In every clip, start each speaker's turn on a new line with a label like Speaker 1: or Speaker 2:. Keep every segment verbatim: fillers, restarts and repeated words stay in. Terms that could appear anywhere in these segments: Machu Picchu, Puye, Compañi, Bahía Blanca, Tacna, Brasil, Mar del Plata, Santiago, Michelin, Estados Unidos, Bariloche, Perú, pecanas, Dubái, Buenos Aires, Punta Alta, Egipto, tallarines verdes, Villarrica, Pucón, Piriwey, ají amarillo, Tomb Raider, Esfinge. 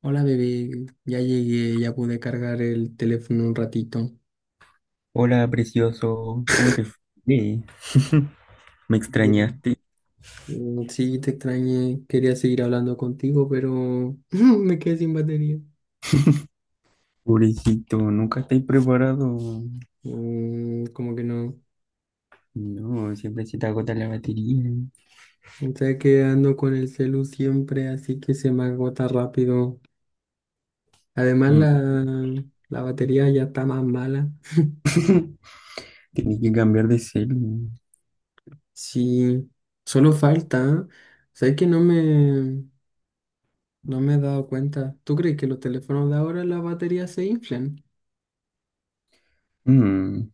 Speaker 1: Hola bebé, ya llegué, ya pude cargar el teléfono un ratito.
Speaker 2: Hola, precioso, ¿cómo te fue? Me
Speaker 1: Bien.
Speaker 2: extrañaste,
Speaker 1: Mm, sí, te extrañé, quería seguir hablando contigo, pero me quedé sin batería.
Speaker 2: pobrecito, nunca estoy preparado.
Speaker 1: Mm, como que no.
Speaker 2: No, siempre se te agota la batería.
Speaker 1: O sea que ando con el celu siempre, así que se me agota rápido. Además
Speaker 2: Mm.
Speaker 1: la, la batería ya está más mala.
Speaker 2: Tienes que cambiar de celu.
Speaker 1: Sí, solo falta. Sabes que no me, no me he dado cuenta. ¿Tú crees que los teléfonos de ahora las baterías se inflan?
Speaker 2: Mm,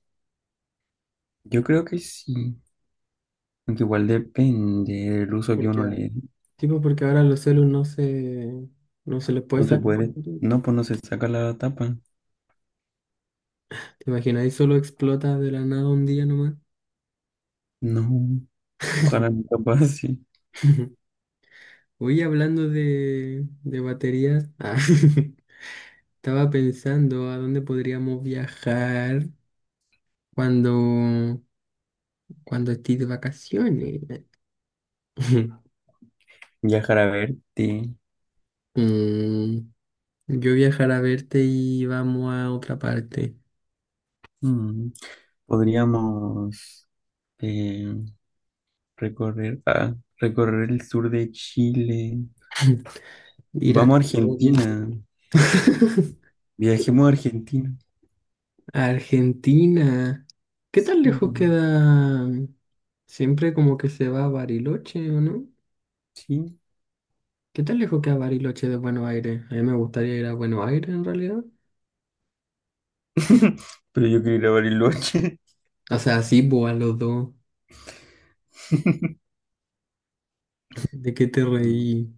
Speaker 2: Yo creo que sí, aunque igual depende del uso que
Speaker 1: Porque
Speaker 2: uno le dé.
Speaker 1: Sí, pues, porque ahora los celus no se, no se les puede
Speaker 2: No se
Speaker 1: sacar la
Speaker 2: puede,
Speaker 1: foto.
Speaker 2: no, pues no se saca la tapa.
Speaker 1: ¿Te imaginas? Ahí solo explota de la nada un día nomás.
Speaker 2: No, ojalá nunca pase.
Speaker 1: Oye, hablando de, de baterías, ah, estaba pensando a dónde podríamos viajar cuando, cuando estés de vacaciones.
Speaker 2: Viajar a verte.
Speaker 1: Mm, yo viajar a verte y vamos a otra parte.
Speaker 2: Mm, Podríamos. eh, Recorrer, ah, recorrer el sur de Chile.
Speaker 1: Ir a
Speaker 2: Vamos a
Speaker 1: Camboya.
Speaker 2: Argentina. Viajemos a Argentina.
Speaker 1: Argentina. ¿Qué tan lejos
Speaker 2: Mm,
Speaker 1: queda? Siempre como que se va a Bariloche, ¿o no?
Speaker 2: sí.
Speaker 1: ¿Qué tan lejos queda Bariloche de Buenos Aires? A mí me gustaría ir a Buenos Aires en realidad.
Speaker 2: Pero yo quiero ir a Bariloche.
Speaker 1: O sea, sí, pues a los dos. ¿De qué te
Speaker 2: Mm,
Speaker 1: reí?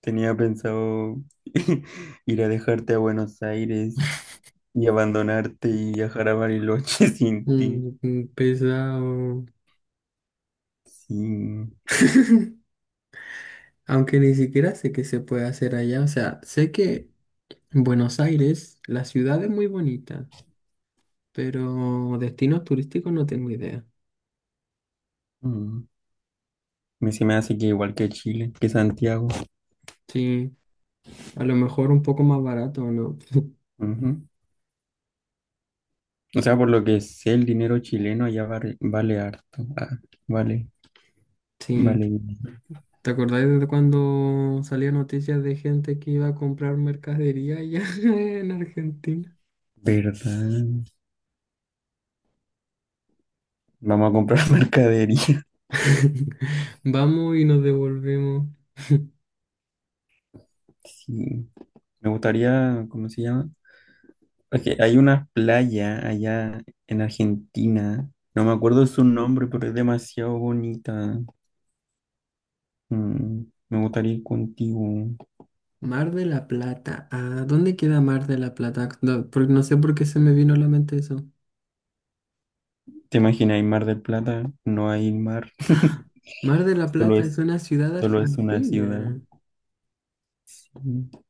Speaker 2: Tenía pensado ir a dejarte a Buenos Aires y abandonarte y viajar a Bariloche sin ti.
Speaker 1: Mm, mm, pesado.
Speaker 2: Sí. Mm,
Speaker 1: Aunque ni siquiera sé qué se puede hacer allá. O sea, sé que Buenos Aires, la ciudad es muy bonita, pero destinos turísticos no tengo idea.
Speaker 2: Me se me hace que igual que Chile, que Santiago.
Speaker 1: Sí, a lo mejor un poco más barato, ¿no?
Speaker 2: Ujú. O sea, por lo que sé, el dinero chileno ya vale, vale harto. Ah, vale, vale.
Speaker 1: Sí. ¿Te acordáis de cuando salía noticias de gente que iba a comprar mercadería allá en Argentina?
Speaker 2: ¿Verdad? Vamos a comprar mercadería.
Speaker 1: Vamos y nos devolvemos.
Speaker 2: Sí. Me gustaría, ¿cómo se llama? Es hay una playa allá en Argentina. No me acuerdo su nombre, pero es demasiado bonita. Mm, Me gustaría ir contigo.
Speaker 1: Mar de la Plata. Ah, ¿dónde queda Mar de la Plata? No, por- no sé por qué se me vino a la mente eso.
Speaker 2: ¿Te imaginas, hay Mar del Plata? No hay mar.
Speaker 1: Mar de la
Speaker 2: Solo
Speaker 1: Plata es
Speaker 2: es,
Speaker 1: una ciudad
Speaker 2: solo es una ciudad.
Speaker 1: argentina.
Speaker 2: Sí.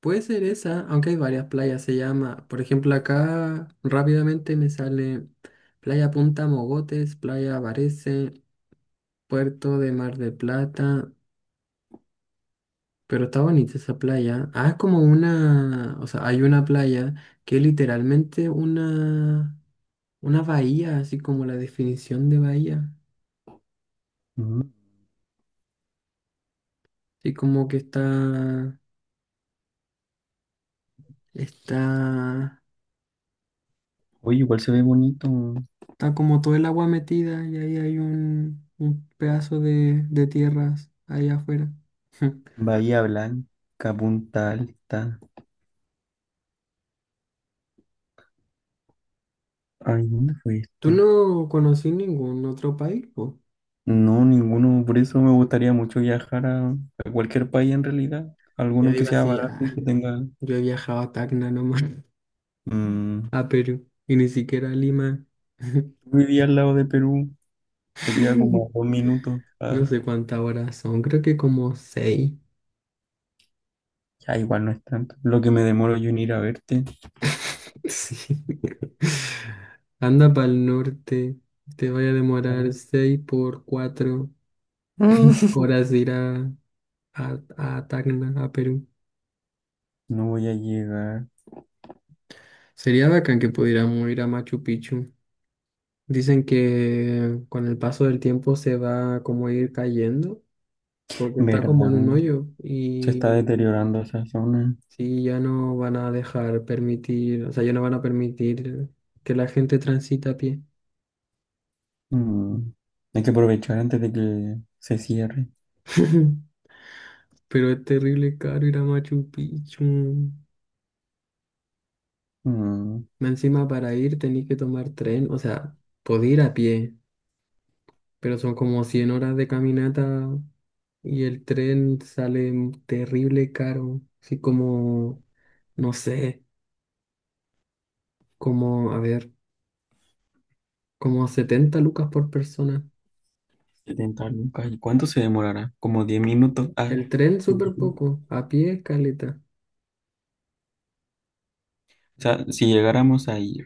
Speaker 1: Puede ser esa, aunque hay varias playas. Se llama, por ejemplo, acá rápidamente me sale Playa Punta Mogotes, Playa Varese, Puerto de Mar de Plata. Pero está bonita esa playa. Ah, es como una, o sea, hay una playa que es literalmente una, una bahía, así como la definición de bahía.
Speaker 2: Mm.
Speaker 1: Así como que está, está,
Speaker 2: Oye, igual se ve bonito.
Speaker 1: está como todo el agua metida y ahí hay un, un pedazo de, de tierras ahí afuera.
Speaker 2: Bahía Blanca, Punta Alta. Ay, ¿dónde fue
Speaker 1: ¿Tú
Speaker 2: esto?
Speaker 1: no conocí ningún otro país? Po?
Speaker 2: No, ninguno. Por eso me gustaría mucho viajar a, a cualquier país en realidad.
Speaker 1: Yo
Speaker 2: Alguno que
Speaker 1: digo
Speaker 2: sea
Speaker 1: así,
Speaker 2: barato y
Speaker 1: ah,
Speaker 2: que tenga...
Speaker 1: yo he viajado a Tacna nomás,
Speaker 2: mm,
Speaker 1: a Perú, y ni siquiera a Lima.
Speaker 2: vivía al lado de Perú. Te queda como dos minutos. ah,
Speaker 1: No sé cuántas horas son, creo que como seis.
Speaker 2: Ya igual no es tanto. Lo que me demoro yo en ir a verte.
Speaker 1: Sí. Anda para el norte, te vaya a demorar
Speaker 2: Ya.
Speaker 1: seis por cuatro
Speaker 2: Mm.
Speaker 1: horas de ir a, a, a Tacna, a Perú.
Speaker 2: No voy a llegar.
Speaker 1: Sería bacán que pudiéramos ir a Machu Picchu. Dicen que con el paso del tiempo se va como a ir cayendo, porque está como
Speaker 2: ¿Verdad?
Speaker 1: en un hoyo
Speaker 2: Se está
Speaker 1: y
Speaker 2: deteriorando esa zona.
Speaker 1: sí, ya no van a dejar permitir, o sea, ya no van a permitir que la gente transita a pie.
Speaker 2: Mm, Hay que aprovechar antes de que se cierre.
Speaker 1: Pero es terrible caro ir a Machu Picchu.
Speaker 2: Mm,
Speaker 1: Más encima para ir tenés que tomar tren, o sea, podés ir a pie, pero son como cien horas de caminata y el tren sale m- terrible caro. Así como, no sé, como, a ver, como setenta lucas por persona.
Speaker 2: setenta lucas. ¿Y cuánto se demorará? Como diez minutos. Ah,
Speaker 1: El tren
Speaker 2: o
Speaker 1: súper poco, a pie caleta.
Speaker 2: sea, si llegáramos ahí.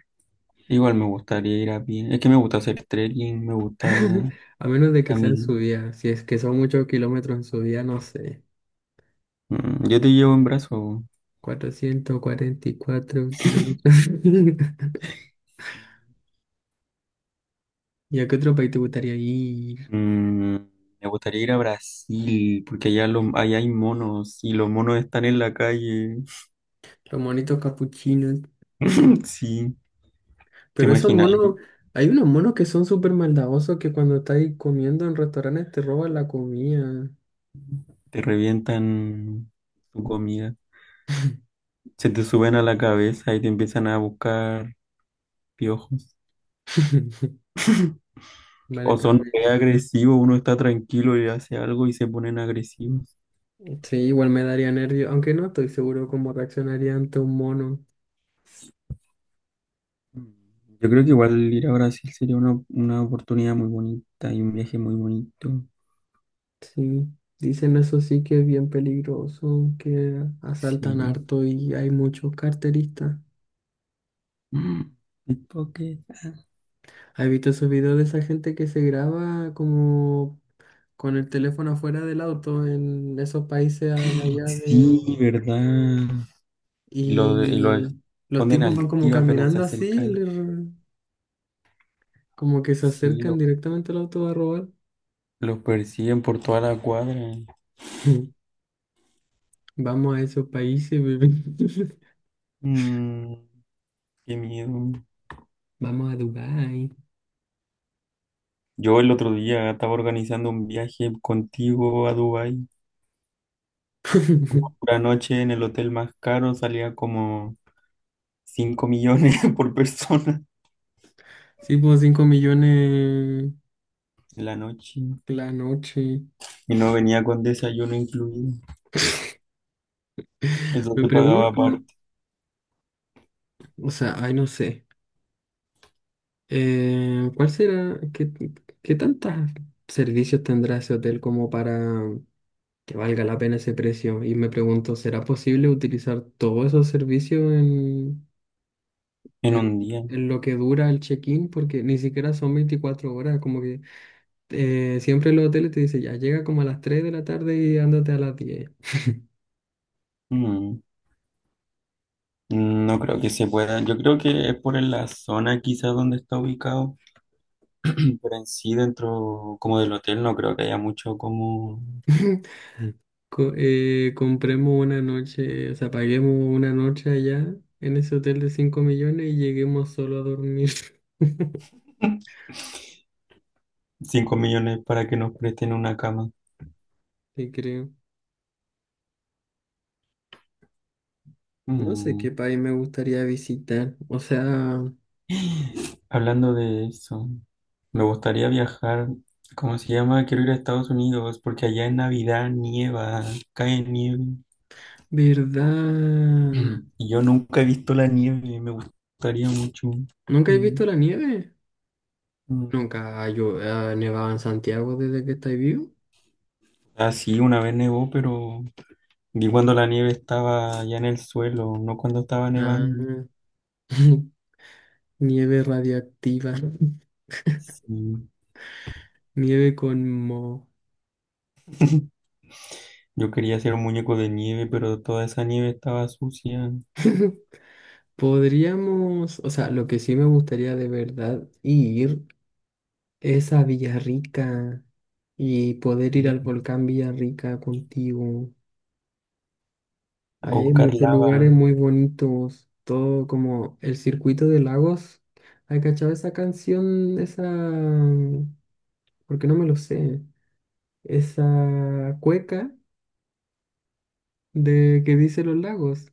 Speaker 2: Igual me gustaría ir a pie. Es que me gusta hacer trekking, me gusta
Speaker 1: A menos de que sea en
Speaker 2: caminar.
Speaker 1: subida, si es que son muchos kilómetros en subida, no sé.
Speaker 2: Mm, yo te llevo en brazo.
Speaker 1: Cuatrocientos cuarenta y cuatro kilómetros. ¿Y a qué otro país te gustaría ir?
Speaker 2: Mm, Me gustaría ir a Brasil, porque allá, lo- allá hay monos y los monos están en la calle.
Speaker 1: Los monitos capuchinos.
Speaker 2: Sí, te
Speaker 1: Pero esos
Speaker 2: imaginas,
Speaker 1: monos, hay unos monos que son súper maldadosos que cuando estáis comiendo en restaurantes te roban la comida.
Speaker 2: te revientan tu comida, se te suben a la cabeza y te empiezan a buscar piojos.
Speaker 1: Vale,
Speaker 2: O son re
Speaker 1: también.
Speaker 2: agresivos, uno está tranquilo y hace algo y se ponen agresivos.
Speaker 1: Sí, igual me daría nervio, aunque no estoy seguro cómo reaccionaría ante un mono.
Speaker 2: Mm, Yo creo que igual ir a Brasil sería una, una oportunidad muy bonita y un viaje muy bonito.
Speaker 1: Sí, dicen eso sí que es bien peligroso, que asaltan
Speaker 2: Sí.
Speaker 1: harto y hay muchos carteristas.
Speaker 2: Mm, pickpocket. Ah,
Speaker 1: ¿Has visto esos videos de esa gente que se graba como con el teléfono afuera del auto en esos países a- de allá de...
Speaker 2: sí, ¿verdad? Y lo, de- y lo
Speaker 1: Y los
Speaker 2: esconden
Speaker 1: tipos van
Speaker 2: al
Speaker 1: como
Speaker 2: tiro apenas se
Speaker 1: caminando así,
Speaker 2: acercan.
Speaker 1: le- como que se
Speaker 2: Sí,
Speaker 1: acercan
Speaker 2: lo,
Speaker 1: directamente al auto a robar.
Speaker 2: lo persiguen por toda la cuadra.
Speaker 1: Vamos a esos países, bebé.
Speaker 2: Mm, qué miedo.
Speaker 1: Vamos a Dubái.
Speaker 2: Yo el otro día estaba organizando un viaje contigo a Dubái. Una noche en el hotel más caro salía como cinco millones por persona
Speaker 1: Sí, pues cinco millones
Speaker 2: la noche.
Speaker 1: la noche.
Speaker 2: Y no venía con desayuno incluido. Eso
Speaker 1: Me
Speaker 2: te pagaba
Speaker 1: pregunto,
Speaker 2: aparte
Speaker 1: o sea, ay, no sé. Eh, ¿cuál será? ¿Qué, qué tantos servicios tendrá ese hotel como para que valga la pena ese precio. Y me pregunto, ¿será posible utilizar todos esos servicios en,
Speaker 2: en
Speaker 1: en,
Speaker 2: un día.
Speaker 1: en lo que dura el check-in? Porque ni siquiera son veinticuatro horas, como que eh, siempre en los hoteles te dice, ya llega como a las tres de la tarde y ándate a las diez.
Speaker 2: Mm, No creo que se pueda. Yo creo que es por la zona quizás donde está ubicado. Pero en sí, dentro como del hotel, no creo que haya mucho como
Speaker 1: Co- eh, compremos una noche, o sea, paguemos una noche allá en ese hotel de cinco millones y lleguemos solo a dormir.
Speaker 2: cinco millones para que nos presten una cama.
Speaker 1: Sí, creo. No sé qué
Speaker 2: Mm,
Speaker 1: país me gustaría visitar. O sea,
Speaker 2: Hablando de eso, me gustaría viajar. ¿Cómo se llama? Quiero ir a Estados Unidos porque allá en Navidad nieva, cae nieve.
Speaker 1: ¿verdad?
Speaker 2: Mm. Y Yo nunca he visto la nieve, me gustaría mucho.
Speaker 1: ¿Nunca has
Speaker 2: Mm,
Speaker 1: visto la nieve?
Speaker 2: mm.
Speaker 1: ¿Nunca ha llo- ha nevado en Santiago desde que estáis vivo?
Speaker 2: Ah, sí, una vez nevó, pero vi cuando la nieve estaba ya en el suelo, no cuando estaba
Speaker 1: Ah,
Speaker 2: nevando.
Speaker 1: nieve radiactiva,
Speaker 2: Sí.
Speaker 1: nieve con moho.
Speaker 2: Yo quería hacer un muñeco de nieve, pero toda esa nieve estaba sucia.
Speaker 1: Podríamos, o sea, lo que sí me gustaría de verdad ir es a Villarrica y poder ir al volcán Villarrica contigo.
Speaker 2: A
Speaker 1: Ahí hay
Speaker 2: buscar
Speaker 1: muchos
Speaker 2: lava.
Speaker 1: lugares muy bonitos, todo como el circuito de lagos. ¿Hay cachado esa canción, esa porque no me lo sé. Esa cueca de que dice los lagos,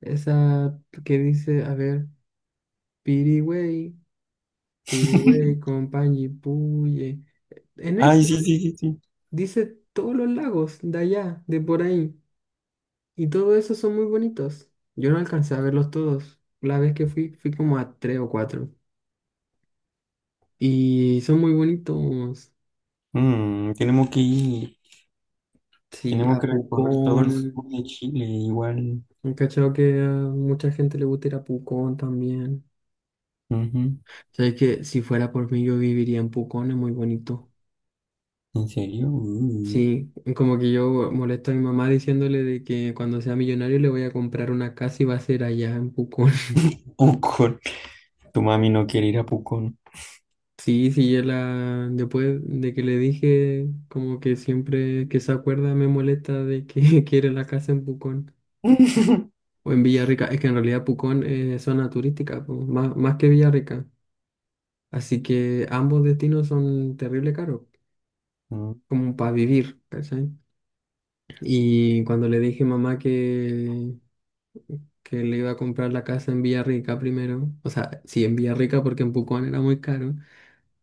Speaker 1: esa que dice, a ver, Piriwey, Piriwey, Compañi, Puye. En
Speaker 2: Ay,
Speaker 1: eso
Speaker 2: sí, sí, sí, sí.
Speaker 1: dice todos los lagos de allá, de por ahí, y todos esos son muy bonitos. Yo no alcancé a verlos todos. La vez que fui, fui como a tres o cuatro. Y son muy bonitos.
Speaker 2: Mm, tenemos que ir,
Speaker 1: Sí,
Speaker 2: tenemos
Speaker 1: a
Speaker 2: que recorrer todo el
Speaker 1: Pucón.
Speaker 2: sur de Chile, igual.
Speaker 1: He cachado que a mucha gente le gusta ir a Pucón también.
Speaker 2: Ujú.
Speaker 1: Sabes que si fuera por mí yo viviría en Pucón, es muy bonito.
Speaker 2: ¿En serio? Uh,
Speaker 1: Sí, como que yo molesto a mi mamá diciéndole de que cuando sea millonario le voy a comprar una casa y va a ser allá en Pucón.
Speaker 2: Pucón. Tu mami no quiere ir a Pucón.
Speaker 1: Sí, sí, yo la. Después de que le dije, como que siempre que se acuerda me molesta de que quiere la casa en Pucón. O en Villarrica, es que en realidad Pucón es zona turística, po, más, más que Villarrica. Así que ambos destinos son terrible caros,
Speaker 2: Mm,
Speaker 1: como para vivir, ¿cachai? Y cuando le dije a mamá que, que le iba a comprar la casa en Villarrica primero, o sea, sí, en Villarrica porque en Pucón era muy caro,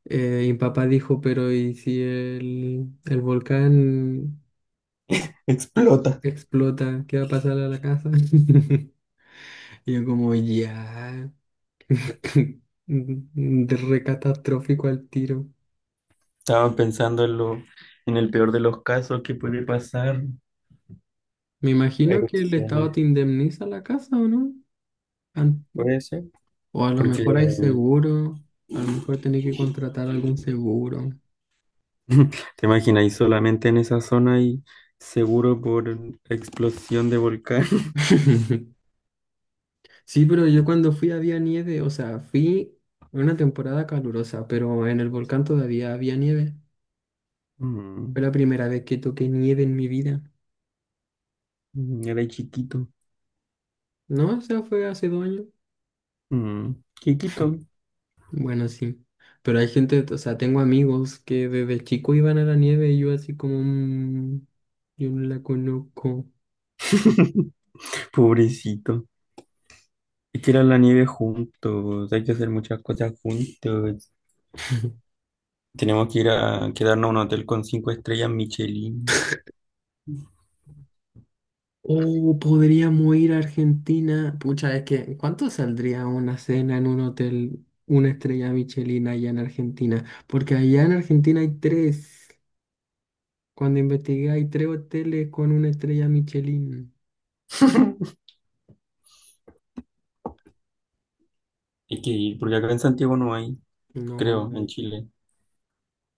Speaker 1: eh, y papá dijo, pero ¿y si el, el volcán
Speaker 2: explota.
Speaker 1: explota? ¿Qué va a pasar a la casa? Y yo como, ya, de re catastrófico al tiro.
Speaker 2: Estaba pensando en lo, en el peor de los casos que puede pasar.
Speaker 1: Me imagino que el
Speaker 2: Erupciones.
Speaker 1: Estado te indemniza la casa, ¿o no? An-
Speaker 2: Puede ser.
Speaker 1: O a lo
Speaker 2: Porque
Speaker 1: mejor hay
Speaker 2: eh,
Speaker 1: seguro, a lo mejor tenés que contratar algún seguro.
Speaker 2: te imaginas, solamente en esa zona y seguro por explosión de volcán.
Speaker 1: Sí, pero yo cuando fui había nieve, o sea, fui en una temporada calurosa, pero en el volcán todavía había nieve.
Speaker 2: Mm,
Speaker 1: Fue la primera vez que toqué nieve en mi vida.
Speaker 2: mm, era chiquito.
Speaker 1: No, o sea, fue hace dos años.
Speaker 2: Mm, chiquito.
Speaker 1: Bueno, sí. Pero hay gente, o sea, tengo amigos que desde chico iban a la nieve y yo así como, "Mm, yo no la conozco".
Speaker 2: Pobrecito. Es que era la nieve juntos. Hay que hacer muchas cosas juntos. Tenemos que ir a quedarnos a un hotel con cinco estrellas Michelin.
Speaker 1: O podríamos ir a Argentina. Pucha, es que ¿cuánto saldría una cena en un hotel, una estrella Michelin allá en Argentina? Porque allá en Argentina hay tres. Cuando investigué hay tres hoteles con una estrella Michelin.
Speaker 2: Hay que ir, porque acá en Santiago no hay,
Speaker 1: No,
Speaker 2: creo,
Speaker 1: no
Speaker 2: en
Speaker 1: hay.
Speaker 2: Chile.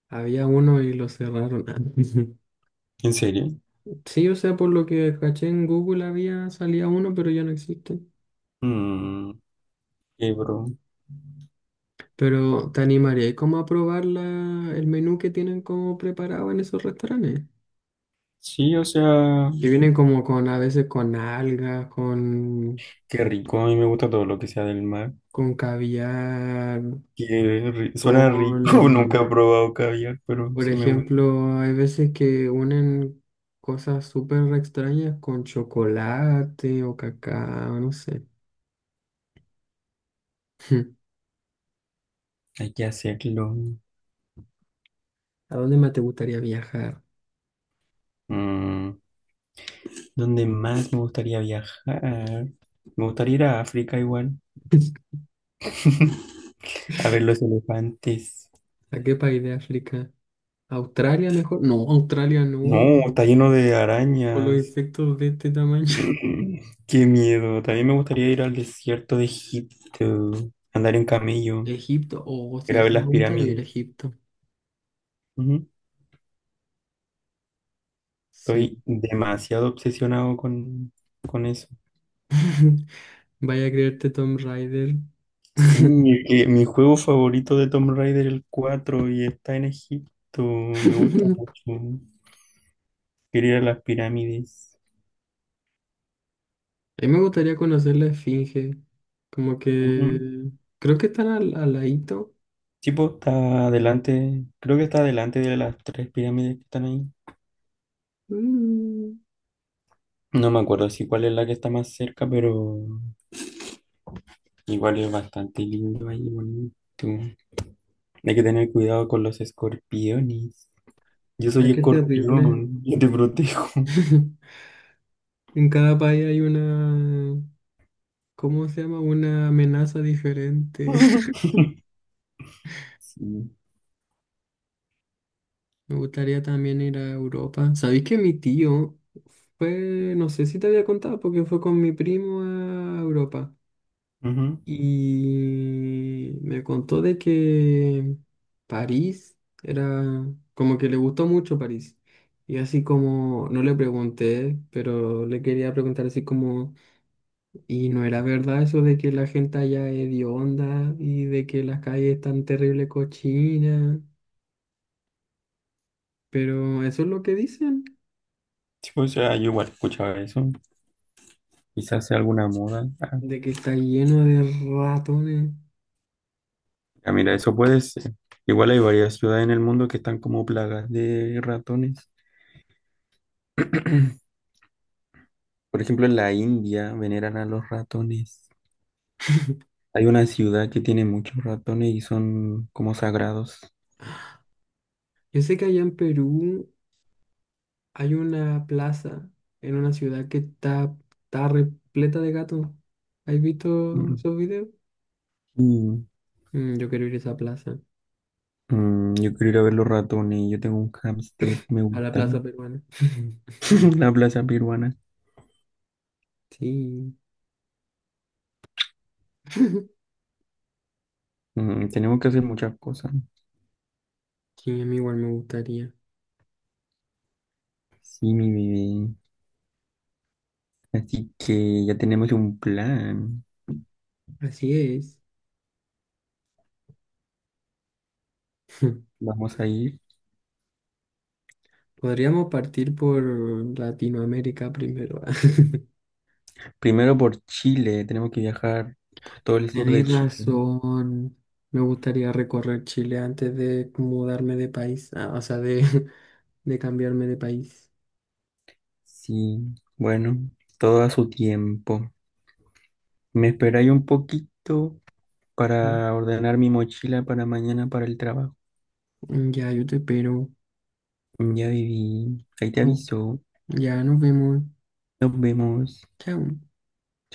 Speaker 1: Había uno y lo cerraron.
Speaker 2: ¿En serio?
Speaker 1: Sí, o sea, por lo que caché en Google había, salía uno, pero ya no existe.
Speaker 2: Mmm, qué bro.
Speaker 1: Pero te animaría ¿y cómo a probar la- el menú que tienen como preparado en esos restaurantes?
Speaker 2: Sí, o sea,
Speaker 1: Que vienen como con, a veces con algas, con,
Speaker 2: qué rico. A mí me gusta todo lo que sea del mar.
Speaker 1: con caviar,
Speaker 2: Qué ri- Suena rico. Nunca he
Speaker 1: con,
Speaker 2: probado caviar, pero
Speaker 1: por
Speaker 2: sí me gusta.
Speaker 1: ejemplo, hay veces que unen cosas súper extrañas con chocolate o cacao, no sé.
Speaker 2: Hay que hacerlo.
Speaker 1: ¿A dónde más te gustaría viajar?
Speaker 2: Mm, ¿dónde más me gustaría viajar? Me gustaría ir a África igual, a ver los elefantes.
Speaker 1: ¿A qué país de África? ¿Australia mejor? No, Australia no.
Speaker 2: No, está lleno de
Speaker 1: Por los
Speaker 2: arañas.
Speaker 1: insectos de este tamaño.
Speaker 2: Mm, qué miedo. También me gustaría ir al desierto de Egipto, andar en camello,
Speaker 1: Egipto. Oh,
Speaker 2: ir a
Speaker 1: sí,
Speaker 2: ver
Speaker 1: sí,
Speaker 2: las
Speaker 1: me gustaría ir a
Speaker 2: pirámides.
Speaker 1: Egipto.
Speaker 2: Ujú.
Speaker 1: Sí.
Speaker 2: Estoy demasiado obsesionado con, con eso.
Speaker 1: Vaya a creerte Tom Raider.
Speaker 2: Sí, es que mi juego favorito de Tomb Raider el cuatro y está en Egipto.
Speaker 1: A
Speaker 2: Me gusta mucho. Quiero ir a las pirámides.
Speaker 1: mí me gustaría conocer la Esfinge. Como
Speaker 2: Ujú.
Speaker 1: que creo que están al, al ladito.
Speaker 2: Sí, pues, está adelante. Creo que está adelante de las tres pirámides que están ahí.
Speaker 1: Mm,
Speaker 2: No me acuerdo si cuál es la que está más cerca, pero igual es bastante lindo ahí, bonito. Hay que tener cuidado con los escorpiones. Yo
Speaker 1: ay,
Speaker 2: soy
Speaker 1: qué terrible.
Speaker 2: escorpión, yo te protejo.
Speaker 1: En cada país hay una, ¿cómo se llama? Una amenaza diferente.
Speaker 2: Sí.
Speaker 1: Me gustaría también ir a Europa. ¿Sabéis que mi tío fue, no sé si te había contado, porque fue con mi primo a Europa?
Speaker 2: Ujú.
Speaker 1: Y me contó de que París era como que le gustó mucho París. Y así como, no le pregunté, pero le quería preguntar así como, ¿y no era verdad eso de que la gente allá es hedionda y de que las calles están terrible cochinas? Pero eso es lo que dicen,
Speaker 2: Sí, o sea, yo igual escuchaba eso. Quizás sea alguna moda. Ah,
Speaker 1: de que está lleno de ratones.
Speaker 2: ya mira, eso puede ser. Igual hay varias ciudades en el mundo que están como plagas de ratones. Por ejemplo, en la India veneran a los ratones. Hay una ciudad que tiene muchos ratones y son como sagrados.
Speaker 1: Yo sé que allá en Perú hay una plaza en una ciudad que está, está repleta de gatos. ¿Has visto
Speaker 2: Mm.
Speaker 1: esos videos?
Speaker 2: Y
Speaker 1: Mm, yo quiero ir a esa plaza,
Speaker 2: Mm, yo quiero ir a ver los ratones. Yo tengo un hámster, me
Speaker 1: a la plaza
Speaker 2: gustan.
Speaker 1: peruana.
Speaker 2: La plaza peruana.
Speaker 1: Sí,
Speaker 2: Mm, tenemos que hacer muchas cosas.
Speaker 1: sí, a mí igual me gustaría.
Speaker 2: Sí, mi bebé. Así que ya tenemos un plan.
Speaker 1: Así es.
Speaker 2: Vamos a ir
Speaker 1: Podríamos partir por Latinoamérica primero.
Speaker 2: primero por Chile. Tenemos que viajar por todo el sur de
Speaker 1: Tenéis
Speaker 2: Chile.
Speaker 1: razón. Me gustaría recorrer Chile antes de mudarme de país, ah, o sea, de, de cambiarme de país.
Speaker 2: Sí, bueno, todo a su tiempo. Me esperáis un poquito
Speaker 1: Mm,
Speaker 2: para ordenar mi mochila para mañana para el trabajo.
Speaker 1: ya, yo te espero.
Speaker 2: Ya viví. Ahí te
Speaker 1: Oh,
Speaker 2: aviso.
Speaker 1: ya nos vemos.
Speaker 2: Nos vemos.
Speaker 1: Chao.
Speaker 2: Chao.